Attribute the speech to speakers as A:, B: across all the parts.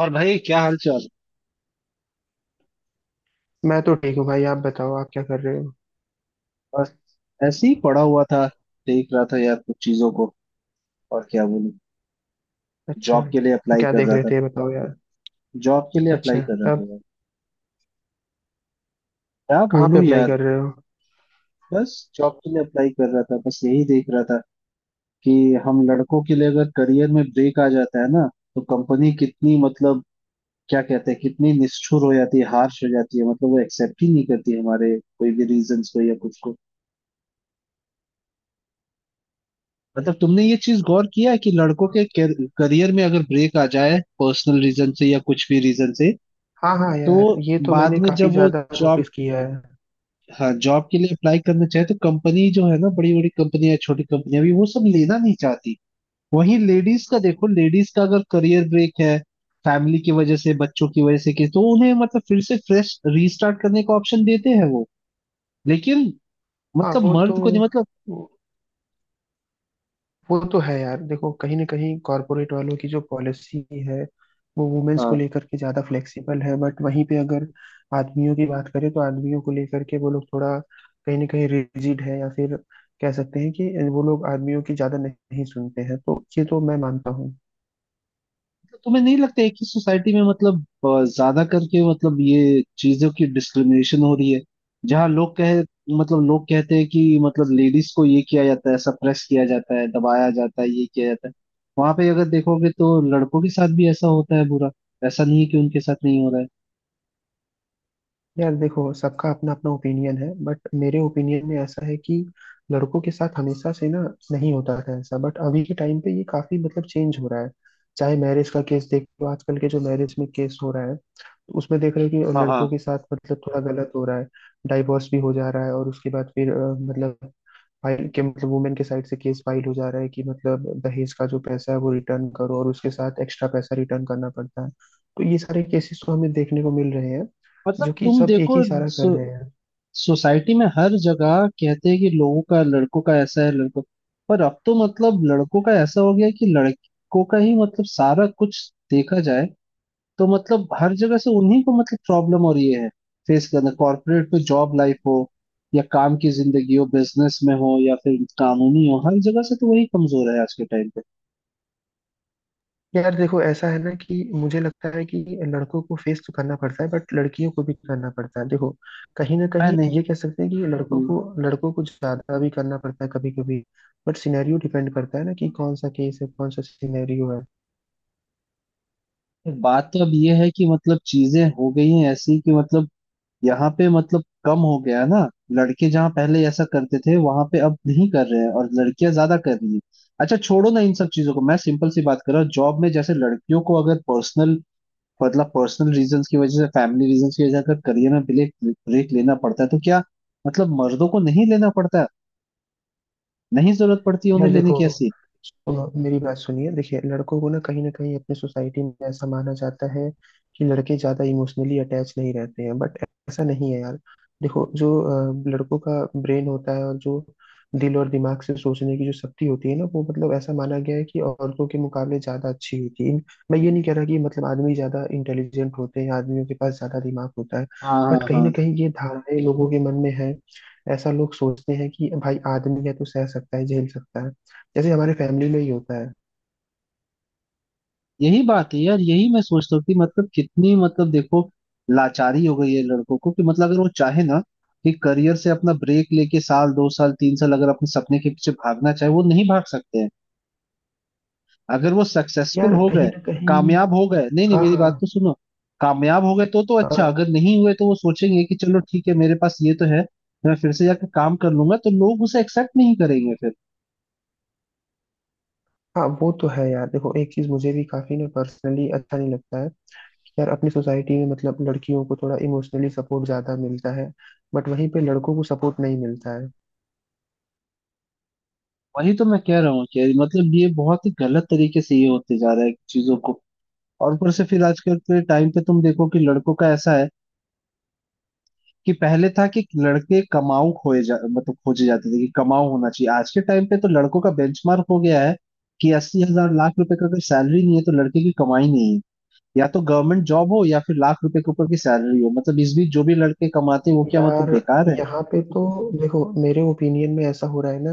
A: और भाई क्या हाल चाल।
B: मैं तो ठीक हूँ भाई। आप बताओ, आप क्या कर रहे हो?
A: बस ऐसे ही पड़ा हुआ था। देख रहा था यार कुछ चीजों को। और क्या बोलूं।
B: अच्छा,
A: जॉब के लिए
B: तो
A: अप्लाई
B: क्या
A: कर
B: देख
A: रहा
B: रहे
A: था।
B: थे, ये बताओ यार।
A: जॉब के लिए अप्लाई
B: अच्छा,
A: कर रहा
B: तब
A: था यार। क्या
B: कहाँ पे
A: बोलूं
B: अप्लाई
A: यार।
B: कर रहे हो?
A: बस जॉब के लिए अप्लाई कर रहा था, बस यही देख रहा था कि हम लड़कों के लिए अगर करियर में ब्रेक आ जाता है ना, तो कंपनी कितनी मतलब क्या कहते हैं, कितनी निष्ठुर हो जाती है, हार्श हो जाती है। मतलब वो एक्सेप्ट ही नहीं करती हमारे कोई भी रीजंस को या कुछ को। मतलब तुमने ये चीज गौर किया है कि लड़कों के करियर में अगर ब्रेक आ जाए पर्सनल रीजन से या कुछ भी रीजन से,
B: हाँ हाँ
A: तो
B: यार, ये तो
A: बाद
B: मैंने
A: में
B: काफी
A: जब वो
B: ज्यादा
A: जॉब,
B: नोटिस किया है।
A: हाँ जॉब के लिए अप्लाई करना चाहे, तो कंपनी जो है ना, बड़ी बड़ी कंपनियां, छोटी कंपनियां भी वो सब लेना नहीं चाहती। वहीं लेडीज का देखो, लेडीज का अगर करियर ब्रेक है फैमिली की वजह से, बच्चों की वजह से कि, तो उन्हें मतलब फिर से फ्रेश रीस्टार्ट करने का ऑप्शन देते हैं वो। लेकिन
B: हाँ,
A: मतलब
B: वो तो
A: मर्द को नहीं मतलब।
B: वो तो है यार। देखो, कहीं ना कहीं कॉर्पोरेट वालों की जो पॉलिसी है वो वुमेन्स को
A: हाँ,
B: लेकर के ज्यादा फ्लेक्सिबल है, बट वहीं पे अगर आदमियों की बात करें तो आदमियों को लेकर के वो लोग थोड़ा कहीं ना कहीं रिजिड है, या फिर कह सकते हैं कि वो लोग आदमियों की ज्यादा नहीं सुनते हैं, तो ये तो मैं मानता हूँ।
A: तो तुम्हें नहीं लगता है कि सोसाइटी में मतलब ज्यादा करके मतलब ये चीजों की डिस्क्रिमिनेशन हो रही है, जहाँ लोग कहे मतलब लोग कहते हैं कि मतलब लेडीज को ये किया जाता है, सप्रेस किया जाता है, दबाया जाता है, ये किया जाता है। वहां पे अगर देखोगे तो लड़कों के साथ भी ऐसा होता है बुरा। ऐसा नहीं है कि उनके साथ नहीं हो रहा है।
B: यार देखो, सबका अपना अपना ओपिनियन है, बट मेरे ओपिनियन में ऐसा है कि लड़कों के साथ हमेशा से ना, नहीं होता था ऐसा, बट अभी के टाइम पे ये काफी मतलब चेंज हो रहा है। चाहे मैरिज का केस देख लो, आजकल के जो मैरिज में केस हो रहा है, तो उसमें देख रहे हो कि
A: हाँ हाँ।
B: लड़कों के साथ मतलब थोड़ा गलत हो रहा है। डाइवोर्स भी हो जा रहा है, और उसके बाद फिर मतलब फाइल के मतलब वुमेन के साइड से केस फाइल हो जा रहा है कि मतलब दहेज का जो पैसा है वो रिटर्न करो, और उसके साथ एक्स्ट्रा पैसा रिटर्न करना पड़ता है। तो ये सारे केसेस तो हमें देखने को मिल रहे हैं, जो
A: मतलब
B: कि
A: तुम
B: सब एक
A: देखो,
B: ही सारा कर रहे हैं।
A: सोसाइटी में हर जगह कहते हैं कि लोगों का लड़कों का ऐसा है, लड़कों। पर अब तो मतलब लड़कों का ऐसा हो गया कि लड़कों का ही मतलब सारा कुछ देखा जाए, तो मतलब हर जगह से उन्हीं को मतलब प्रॉब्लम हो रही है फेस करना। कॉर्पोरेट में जॉब लाइफ हो या काम की जिंदगी हो, बिजनेस में हो या फिर कानूनी हो, हर जगह से तो वही कमजोर है आज के टाइम पे।
B: यार देखो, ऐसा है ना कि मुझे लगता है कि लड़कों को फेस तो करना पड़ता है, बट लड़कियों को भी करना पड़ता है। देखो, कहीं ना
A: मैं
B: कहीं
A: नहीं।
B: ये कह सकते हैं कि लड़कों
A: हम्म,
B: को लड़कों को ज्यादा भी करना पड़ता है कभी कभी, बट सिनेरियो डिपेंड करता है ना कि कौन सा केस है, कौन सा सिनेरियो है।
A: बात तो अब ये है कि मतलब चीजें हो गई हैं ऐसी कि मतलब यहाँ पे मतलब कम हो गया ना। लड़के जहाँ पहले ऐसा करते थे वहां पे अब नहीं कर रहे हैं, और लड़कियां ज्यादा कर रही हैं। अच्छा छोड़ो ना इन सब चीजों को, मैं सिंपल सी बात कर रहा हूँ, जॉब में जैसे लड़कियों को अगर पर्सनल मतलब पर्सनल रीजंस की वजह से, फैमिली रीजंस की वजह से अगर करियर में ब्रेक ब्रेक लेना पड़ता है, तो क्या मतलब मर्दों को नहीं लेना पड़ता? नहीं जरूरत पड़ती है उन्हें
B: यार
A: लेने
B: देखो,
A: की ऐसी?
B: सुनो मेरी बात सुनिए, देखिए, लड़कों को ना कहीं अपने सोसाइटी में ऐसा माना जाता है कि लड़के ज्यादा इमोशनली अटैच नहीं रहते हैं, बट ऐसा नहीं है यार। देखो, जो लड़कों का ब्रेन होता है और जो दिल और दिमाग से सोचने की जो शक्ति होती है ना, वो मतलब ऐसा माना गया है कि औरतों के मुकाबले ज्यादा अच्छी होती है। मैं ये नहीं कह रहा कि मतलब आदमी ज्यादा इंटेलिजेंट होते हैं, आदमियों के पास ज्यादा दिमाग होता है,
A: हाँ
B: बट
A: हाँ
B: कहीं ना
A: हाँ।
B: कहीं ये धारणाएं लोगों के मन में है। ऐसा लोग सोचते हैं कि भाई आदमी है तो सह सकता है, झेल सकता है, जैसे हमारे फैमिली में ही होता है।
A: यही बात है यार, यही मैं सोचता हूँ कि मतलब कितनी मतलब देखो लाचारी हो गई है लड़कों को कि मतलब अगर वो चाहे ना कि करियर से अपना ब्रेक लेके साल, दो साल, तीन साल अगर अपने सपने के पीछे भागना चाहे, वो नहीं भाग सकते हैं। अगर वो सक्सेसफुल
B: यार
A: हो
B: कहीं
A: गए,
B: ना कहीं,
A: कामयाब हो गए, नहीं नहीं
B: हाँ
A: मेरी
B: हाँ।
A: बात तो सुनो। कामयाब हो गए तो अच्छा,
B: हाँ
A: अगर नहीं हुए तो वो सोचेंगे कि चलो ठीक है, मेरे पास ये तो है, मैं फिर से जाकर काम कर लूंगा, तो लोग उसे एक्सेप्ट नहीं करेंगे फिर।
B: हाँ, वो तो है यार। देखो, एक चीज मुझे भी काफी ना पर्सनली अच्छा नहीं लगता है कि यार अपनी सोसाइटी में मतलब लड़कियों को थोड़ा इमोशनली सपोर्ट ज्यादा मिलता है, बट वहीं पे लड़कों को सपोर्ट नहीं मिलता है।
A: वही तो मैं कह रहा हूँ कि मतलब ये बहुत ही गलत तरीके से ये होते जा रहा है चीजों को। और ऊपर से फिर आजकल के टाइम पे तुम देखो कि लड़कों का ऐसा है कि पहले था कि लड़के कमाऊ खोए जा मतलब खोजे जाते थे कि कमाऊ होना चाहिए। आज के टाइम पे तो लड़कों का बेंचमार्क हो गया है कि अस्सी हजार, लाख रुपए का अगर सैलरी नहीं है तो लड़के की कमाई नहीं है। या तो गवर्नमेंट जॉब हो या फिर लाख रुपए के ऊपर की सैलरी हो, मतलब इस बीच जो भी लड़के कमाते हैं वो क्या मतलब
B: यार
A: बेकार है?
B: यहाँ पे तो देखो, मेरे ओपिनियन में ऐसा हो रहा है ना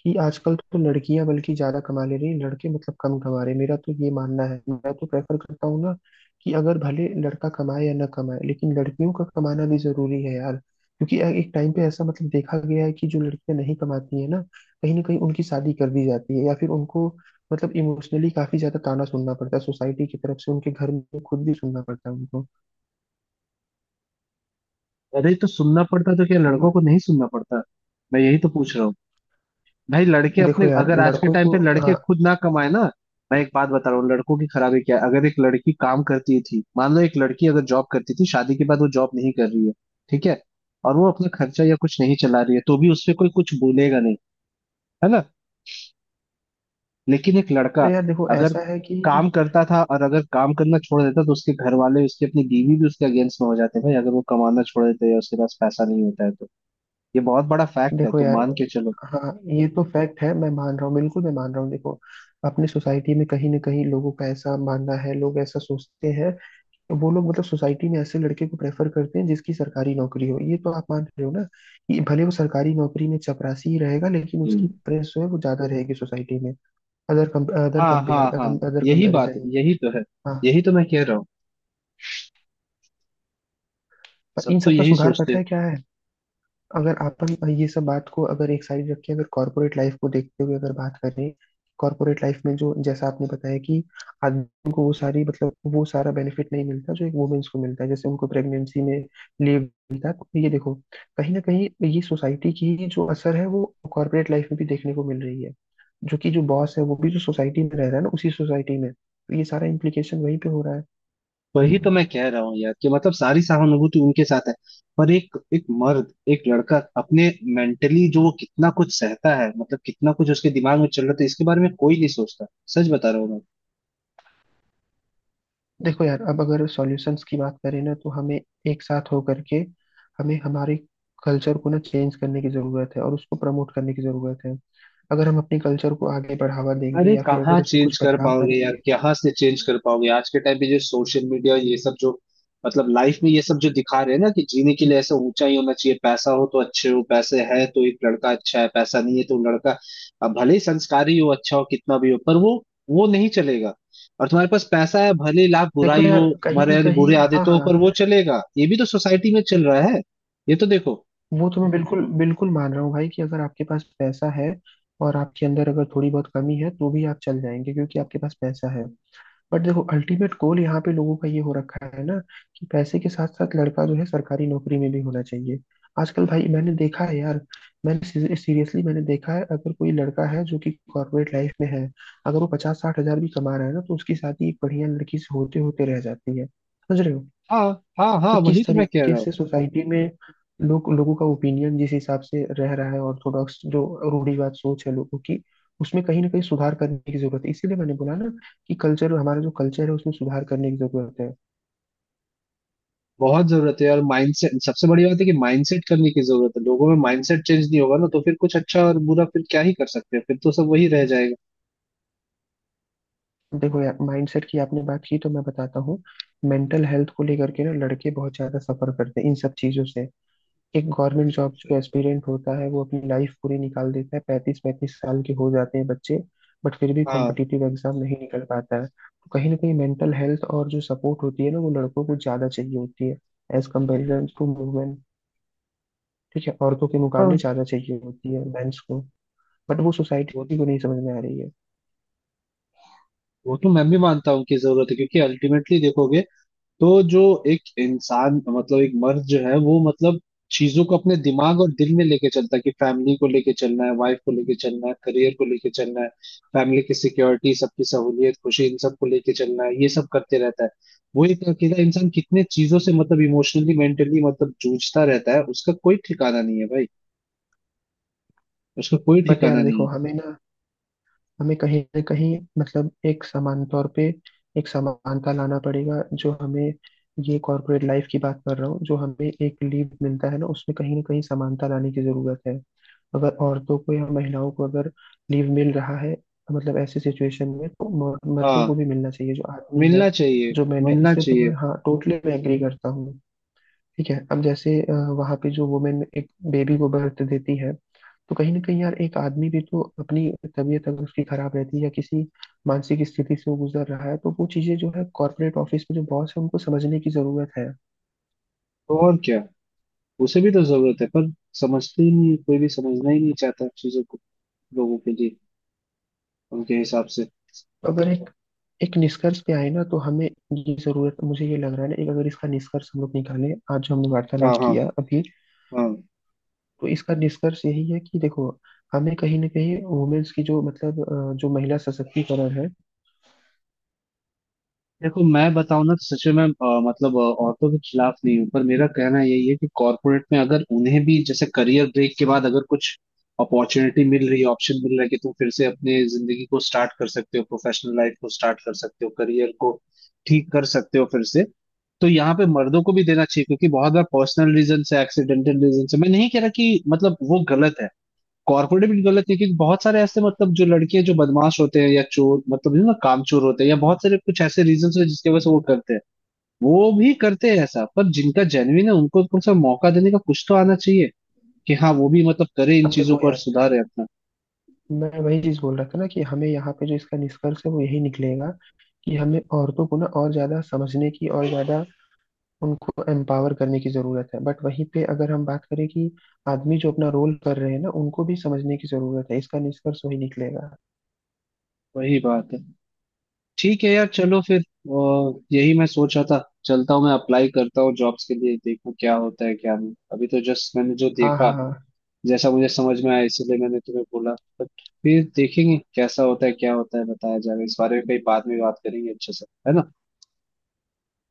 B: कि आजकल तो लड़कियां बल्कि ज्यादा कमा ले रही हैं, लड़के मतलब कम कमा रहे हैं। मेरा तो ये मानना है, मैं तो प्रेफर करता हूँ ना कि अगर भले लड़का कमाए या ना कमाए, लेकिन लड़कियों का कमाना भी जरूरी है यार, क्योंकि एक टाइम पे ऐसा मतलब देखा गया है कि जो लड़कियां नहीं कमाती है ना, कहीं ना कहीं उनकी शादी कर दी जाती है, या फिर उनको मतलब इमोशनली काफी ज्यादा ताना सुनना पड़ता है सोसाइटी की तरफ से, उनके घर में खुद भी सुनना पड़ता है उनको।
A: अरे तो सुनना पड़ता, तो क्या लड़कों को नहीं सुनना पड़ता? मैं यही तो पूछ रहा हूँ। भाई लड़के अपने
B: देखो यार,
A: अगर आज के
B: लड़कों
A: टाइम
B: को,
A: पे लड़के
B: हाँ।
A: खुद ना कमाए ना, मैं एक बात बता रहा हूँ, लड़कों की खराबी क्या है? अगर एक लड़की काम करती थी, मान लो एक लड़की अगर जॉब करती थी, शादी के बाद वो जॉब नहीं कर रही है, ठीक है, और वो अपना खर्चा या कुछ नहीं चला रही है, तो भी उस पे कोई कुछ बोलेगा नहीं, है ना? लेकिन एक
B: तो
A: लड़का
B: यार देखो
A: अगर
B: ऐसा है कि
A: काम करता था और अगर काम करना छोड़ देता, तो उसके घर वाले, उसकी अपनी बीवी भी उसके अगेंस्ट में हो जाते हैं भाई, अगर वो कमाना छोड़ देते या उसके पास पैसा नहीं होता है तो। ये बहुत बड़ा फैक्ट है,
B: देखो
A: तो
B: यार,
A: मान के चलो।
B: हाँ, ये तो फैक्ट है, मैं मान रहा हूँ, बिल्कुल मैं मान रहा हूँ। देखो, अपने सोसाइटी में कहीं ना कहीं लोगों का ऐसा मानना है, लोग ऐसा सोचते हैं, तो वो लोग मतलब सोसाइटी में ऐसे लड़के को प्रेफर करते हैं जिसकी सरकारी नौकरी हो। ये तो आप मान रहे हो ना कि भले वो सरकारी नौकरी में चपरासी ही रहेगा, लेकिन उसकी प्रेस जो है वो ज्यादा रहेगी सोसाइटी में। अदर अदर
A: हाँ हाँ
B: कंपेयर
A: हाँ।
B: अदर
A: यही बात,
B: कंपेरिजन में।
A: यही तो है,
B: हाँ।
A: यही तो मैं कह रहा हूँ।
B: पर
A: सब
B: इन
A: तो
B: सब का
A: यही
B: सुधार
A: सोचते
B: पता
A: हैं।
B: है क्या है? अगर अपन ये सब बात को अगर एक साइड रख के अगर कॉर्पोरेट लाइफ को देखते हुए अगर बात करें, कॉर्पोरेट लाइफ में जो जैसा आपने बताया कि आदमी को वो सारी मतलब वो सारा बेनिफिट नहीं मिलता जो एक वुमेन्स को मिलता है, जैसे उनको प्रेगनेंसी में लीव मिलता है। तो ये देखो, कहीं ना कहीं ये सोसाइटी की ही जो असर है वो कॉर्पोरेट लाइफ में भी देखने को मिल रही है, जो कि जो बॉस है वो भी जो सोसाइटी में रह रहा है ना उसी सोसाइटी में, तो ये सारा इम्प्लीकेशन वहीं पे हो रहा है।
A: वही तो मैं कह रहा हूँ यार कि मतलब सारी सहानुभूति उनके साथ है, पर एक एक मर्द, एक लड़का अपने मेंटली जो वो कितना कुछ सहता है, मतलब कितना कुछ उसके दिमाग में चल रहा था, इसके बारे में कोई नहीं सोचता। सच बता रहा हूँ मैं।
B: देखो यार, अब अगर सॉल्यूशंस की बात करें ना, तो हमें एक साथ होकर के हमें हमारे कल्चर को ना चेंज करने की जरूरत है और उसको प्रमोट करने की जरूरत है। अगर हम अपने कल्चर को आगे बढ़ावा देंगे
A: अरे
B: या फिर
A: कहाँ
B: अगर उसमें कुछ
A: चेंज कर
B: बदलाव
A: पाओगे यार,
B: करेंगे।
A: कहाँ से चेंज कर पाओगे आज के टाइम पे? जो सोशल मीडिया और ये सब जो मतलब लाइफ में ये सब जो दिखा रहे हैं ना कि जीने के लिए ऐसा ऊंचा ही होना चाहिए, पैसा हो तो अच्छे हो, पैसे है तो एक लड़का अच्छा है, पैसा नहीं है तो लड़का अब भले ही संस्कारी हो, अच्छा हो, कितना भी हो, पर वो नहीं चलेगा। और तुम्हारे पास पैसा है भले ही लाख
B: देखो
A: बुराई
B: यार,
A: हो,
B: कहीं
A: तुम्हारे
B: ना
A: अंदर
B: कहीं,
A: बुरे
B: हाँ
A: आदतों हो,
B: हाँ।
A: पर वो चलेगा, ये भी तो सोसाइटी में चल रहा है। ये तो देखो।
B: वो तो मैं बिल्कुल बिल्कुल मान रहा हूँ भाई कि अगर आपके पास पैसा है और आपके अंदर अगर थोड़ी बहुत कमी है तो भी आप चल जाएंगे क्योंकि आपके पास पैसा है। बट देखो, अल्टीमेट गोल यहाँ पे लोगों का ये हो रखा है ना कि पैसे के साथ साथ लड़का जो है सरकारी नौकरी में भी होना चाहिए। आजकल भाई मैंने देखा है यार, मैंने सीरियसली मैंने देखा है, अगर कोई लड़का है जो कि कॉर्पोरेट लाइफ में है, अगर वो 50-60 हजार भी कमा रहा है ना, तो उसकी शादी एक बढ़िया लड़की से होते होते रह जाती है, समझ रहे हो?
A: हाँ हाँ
B: तो
A: हाँ। वही
B: किस
A: तो मैं कह
B: तरीके
A: रहा हूँ,
B: से सोसाइटी में लोग, लोगों का ओपिनियन जिस हिसाब से रह रहा है, ऑर्थोडॉक्स जो रूढ़िवाद सोच है लोगों की, उसमें कहीं ना कहीं सुधार करने की जरूरत है। इसीलिए मैंने बोला ना कि कल्चर, हमारा जो कल्चर है, उसमें सुधार करने की जरूरत है।
A: बहुत जरूरत है, और माइंडसेट सबसे बड़ी बात है कि माइंडसेट करने की जरूरत है, लोगों में माइंडसेट चेंज नहीं होगा ना, तो फिर कुछ अच्छा और बुरा फिर क्या ही कर सकते हैं, फिर तो सब वही रह जाएगा।
B: देखो यार, माइंडसेट की आपने बात की तो मैं बताता हूँ, मेंटल हेल्थ को लेकर के ना लड़के बहुत ज्यादा सफर करते हैं इन सब चीजों से। एक गवर्नमेंट जॉब जो एस्पिरेंट होता है वो अपनी लाइफ पूरी निकाल देता है, 35-35 साल के हो जाते हैं बच्चे, बट फिर भी
A: हाँ।
B: कॉम्पिटिटिव एग्जाम नहीं निकल पाता है। तो कहीं ना कहीं मेंटल हेल्थ और जो सपोर्ट होती है ना, वो लड़कों को ज्यादा चाहिए होती है एज कम्पेरिजन टू वुमेन। ठीक है, औरतों के मुकाबले
A: हाँ।
B: ज्यादा चाहिए होती है मेंस को, बट वो
A: वो
B: सोसाइटी को नहीं समझ में आ रही है।
A: वो तो मैं भी मानता हूँ कि जरूरत है, क्योंकि अल्टीमेटली देखोगे तो जो एक इंसान मतलब एक मर्द जो है वो मतलब चीजों को अपने दिमाग और दिल में लेके चलता है, कि फैमिली को लेके चलना है, वाइफ को लेके चलना है, करियर को लेके चलना है, फैमिली की सिक्योरिटी, सबकी सहूलियत, खुशी, इन सब को लेके चलना है, ये सब करते रहता है। वो एक अकेला इंसान कितने चीजों से मतलब इमोशनली, मेंटली मतलब जूझता रहता है, उसका कोई ठिकाना नहीं है भाई, उसका कोई
B: बट यार
A: ठिकाना नहीं
B: देखो,
A: है।
B: हमें कहीं ना कहीं मतलब एक समान तौर पे एक समानता लाना पड़ेगा। जो हमें, ये कॉर्पोरेट लाइफ की बात कर रहा हूँ, जो हमें एक लीव मिलता है ना उसमें कहीं ना कहीं समानता लाने की जरूरत है। अगर औरतों को या महिलाओं को अगर लीव मिल रहा है मतलब ऐसी सिचुएशन में, तो मर्दों को
A: हाँ,
B: भी मिलना चाहिए, जो आदमी है,
A: मिलना चाहिए।
B: जो मैन है।
A: मिलना
B: इससे तो
A: चाहिए।
B: मैं हाँ, टोटली मैं एग्री करता हूँ। ठीक है, अब जैसे वहाँ पे जो वुमेन एक बेबी को बर्थ देती है, तो कहीं ना कहीं यार एक आदमी भी तो अपनी तबीयत अगर उसकी खराब रहती है या किसी मानसिक स्थिति से वो गुजर रहा है, तो वो चीजें जो है कॉर्पोरेट ऑफिस में जो बॉस है उनको समझने की जरूरत है।
A: तो और क्या, उसे भी तो जरूरत है, पर समझते ही नहीं, कोई भी समझना ही नहीं चाहता चीजों को, लोगों के लिए उनके हिसाब से।
B: तो अगर एक एक निष्कर्ष पे आए ना, तो हमें ये जरूरत, मुझे ये लग रहा है ना, एक अगर इसका निष्कर्ष हम लोग निकालें आज जो हमने वार्तालाप
A: हाँ हाँ
B: किया अभी,
A: हाँ।
B: तो इसका निष्कर्ष यही है कि देखो, हमें कहीं ना कहीं वुमेन्स की जो मतलब जो महिला सशक्तिकरण है।
A: देखो मैं बताऊं ना, तो सच में मैं मतलब औरतों के खिलाफ नहीं हूँ, पर मेरा कहना यही है कि कॉर्पोरेट में अगर उन्हें भी जैसे करियर ब्रेक के बाद अगर कुछ अपॉर्चुनिटी मिल रही है, ऑप्शन मिल रहा है कि तुम फिर से अपने जिंदगी को स्टार्ट कर सकते हो, प्रोफेशनल लाइफ को स्टार्ट कर सकते हो, करियर को ठीक कर सकते हो फिर से, तो यहाँ पे मर्दों को भी देना चाहिए, क्योंकि बहुत बार पर्सनल रीजन से, एक्सीडेंटल रीजन से। मैं नहीं कह रहा कि मतलब वो गलत है, कॉर्पोरेट भी गलत है, क्योंकि बहुत सारे ऐसे मतलब जो लड़के जो बदमाश होते हैं या चोर मतलब ना, कामचोर होते हैं, या बहुत सारे कुछ ऐसे रीजन होते हैं जिसकी वजह से वो करते हैं, वो भी करते हैं ऐसा। पर जिनका जेन्युइन है उनको कम से कम मौका देने का कुछ तो आना चाहिए कि हाँ वो भी मतलब करे इन
B: अब
A: चीजों
B: देखो
A: को और
B: यार,
A: सुधारे अपना।
B: मैं वही चीज बोल रहा था ना कि हमें यहाँ पे जो इसका निष्कर्ष है वो यही निकलेगा कि हमें औरतों को ना और ज्यादा समझने की, और ज्यादा उनको एम्पावर करने की जरूरत है, बट वहीं पे अगर हम बात करें कि आदमी जो अपना रोल कर रहे हैं ना, उनको भी समझने की जरूरत है। इसका निष्कर्ष वही निकलेगा।
A: वही बात है। ठीक है यार, चलो फिर। यही मैं सोच रहा था, चलता हूँ, मैं अप्लाई करता हूँ जॉब्स के लिए, देखूँ क्या होता है क्या नहीं। अभी तो जस्ट मैंने जो
B: हाँ
A: देखा,
B: हाँ हाँ।
A: जैसा मुझे समझ में आया, इसीलिए मैंने तुम्हें बोला। बट फिर देखेंगे कैसा होता है क्या होता है, बताया जाएगा इस बारे में, कहीं बाद में बात करेंगे अच्छे से, है ना?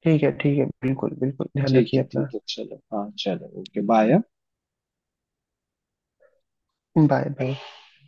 B: ठीक है, ठीक है, बिल्कुल बिल्कुल ध्यान
A: ठीक
B: रखिए
A: है
B: अपना।
A: ठीक है, चलो हाँ चलो, ओके बाय।
B: Bye bye.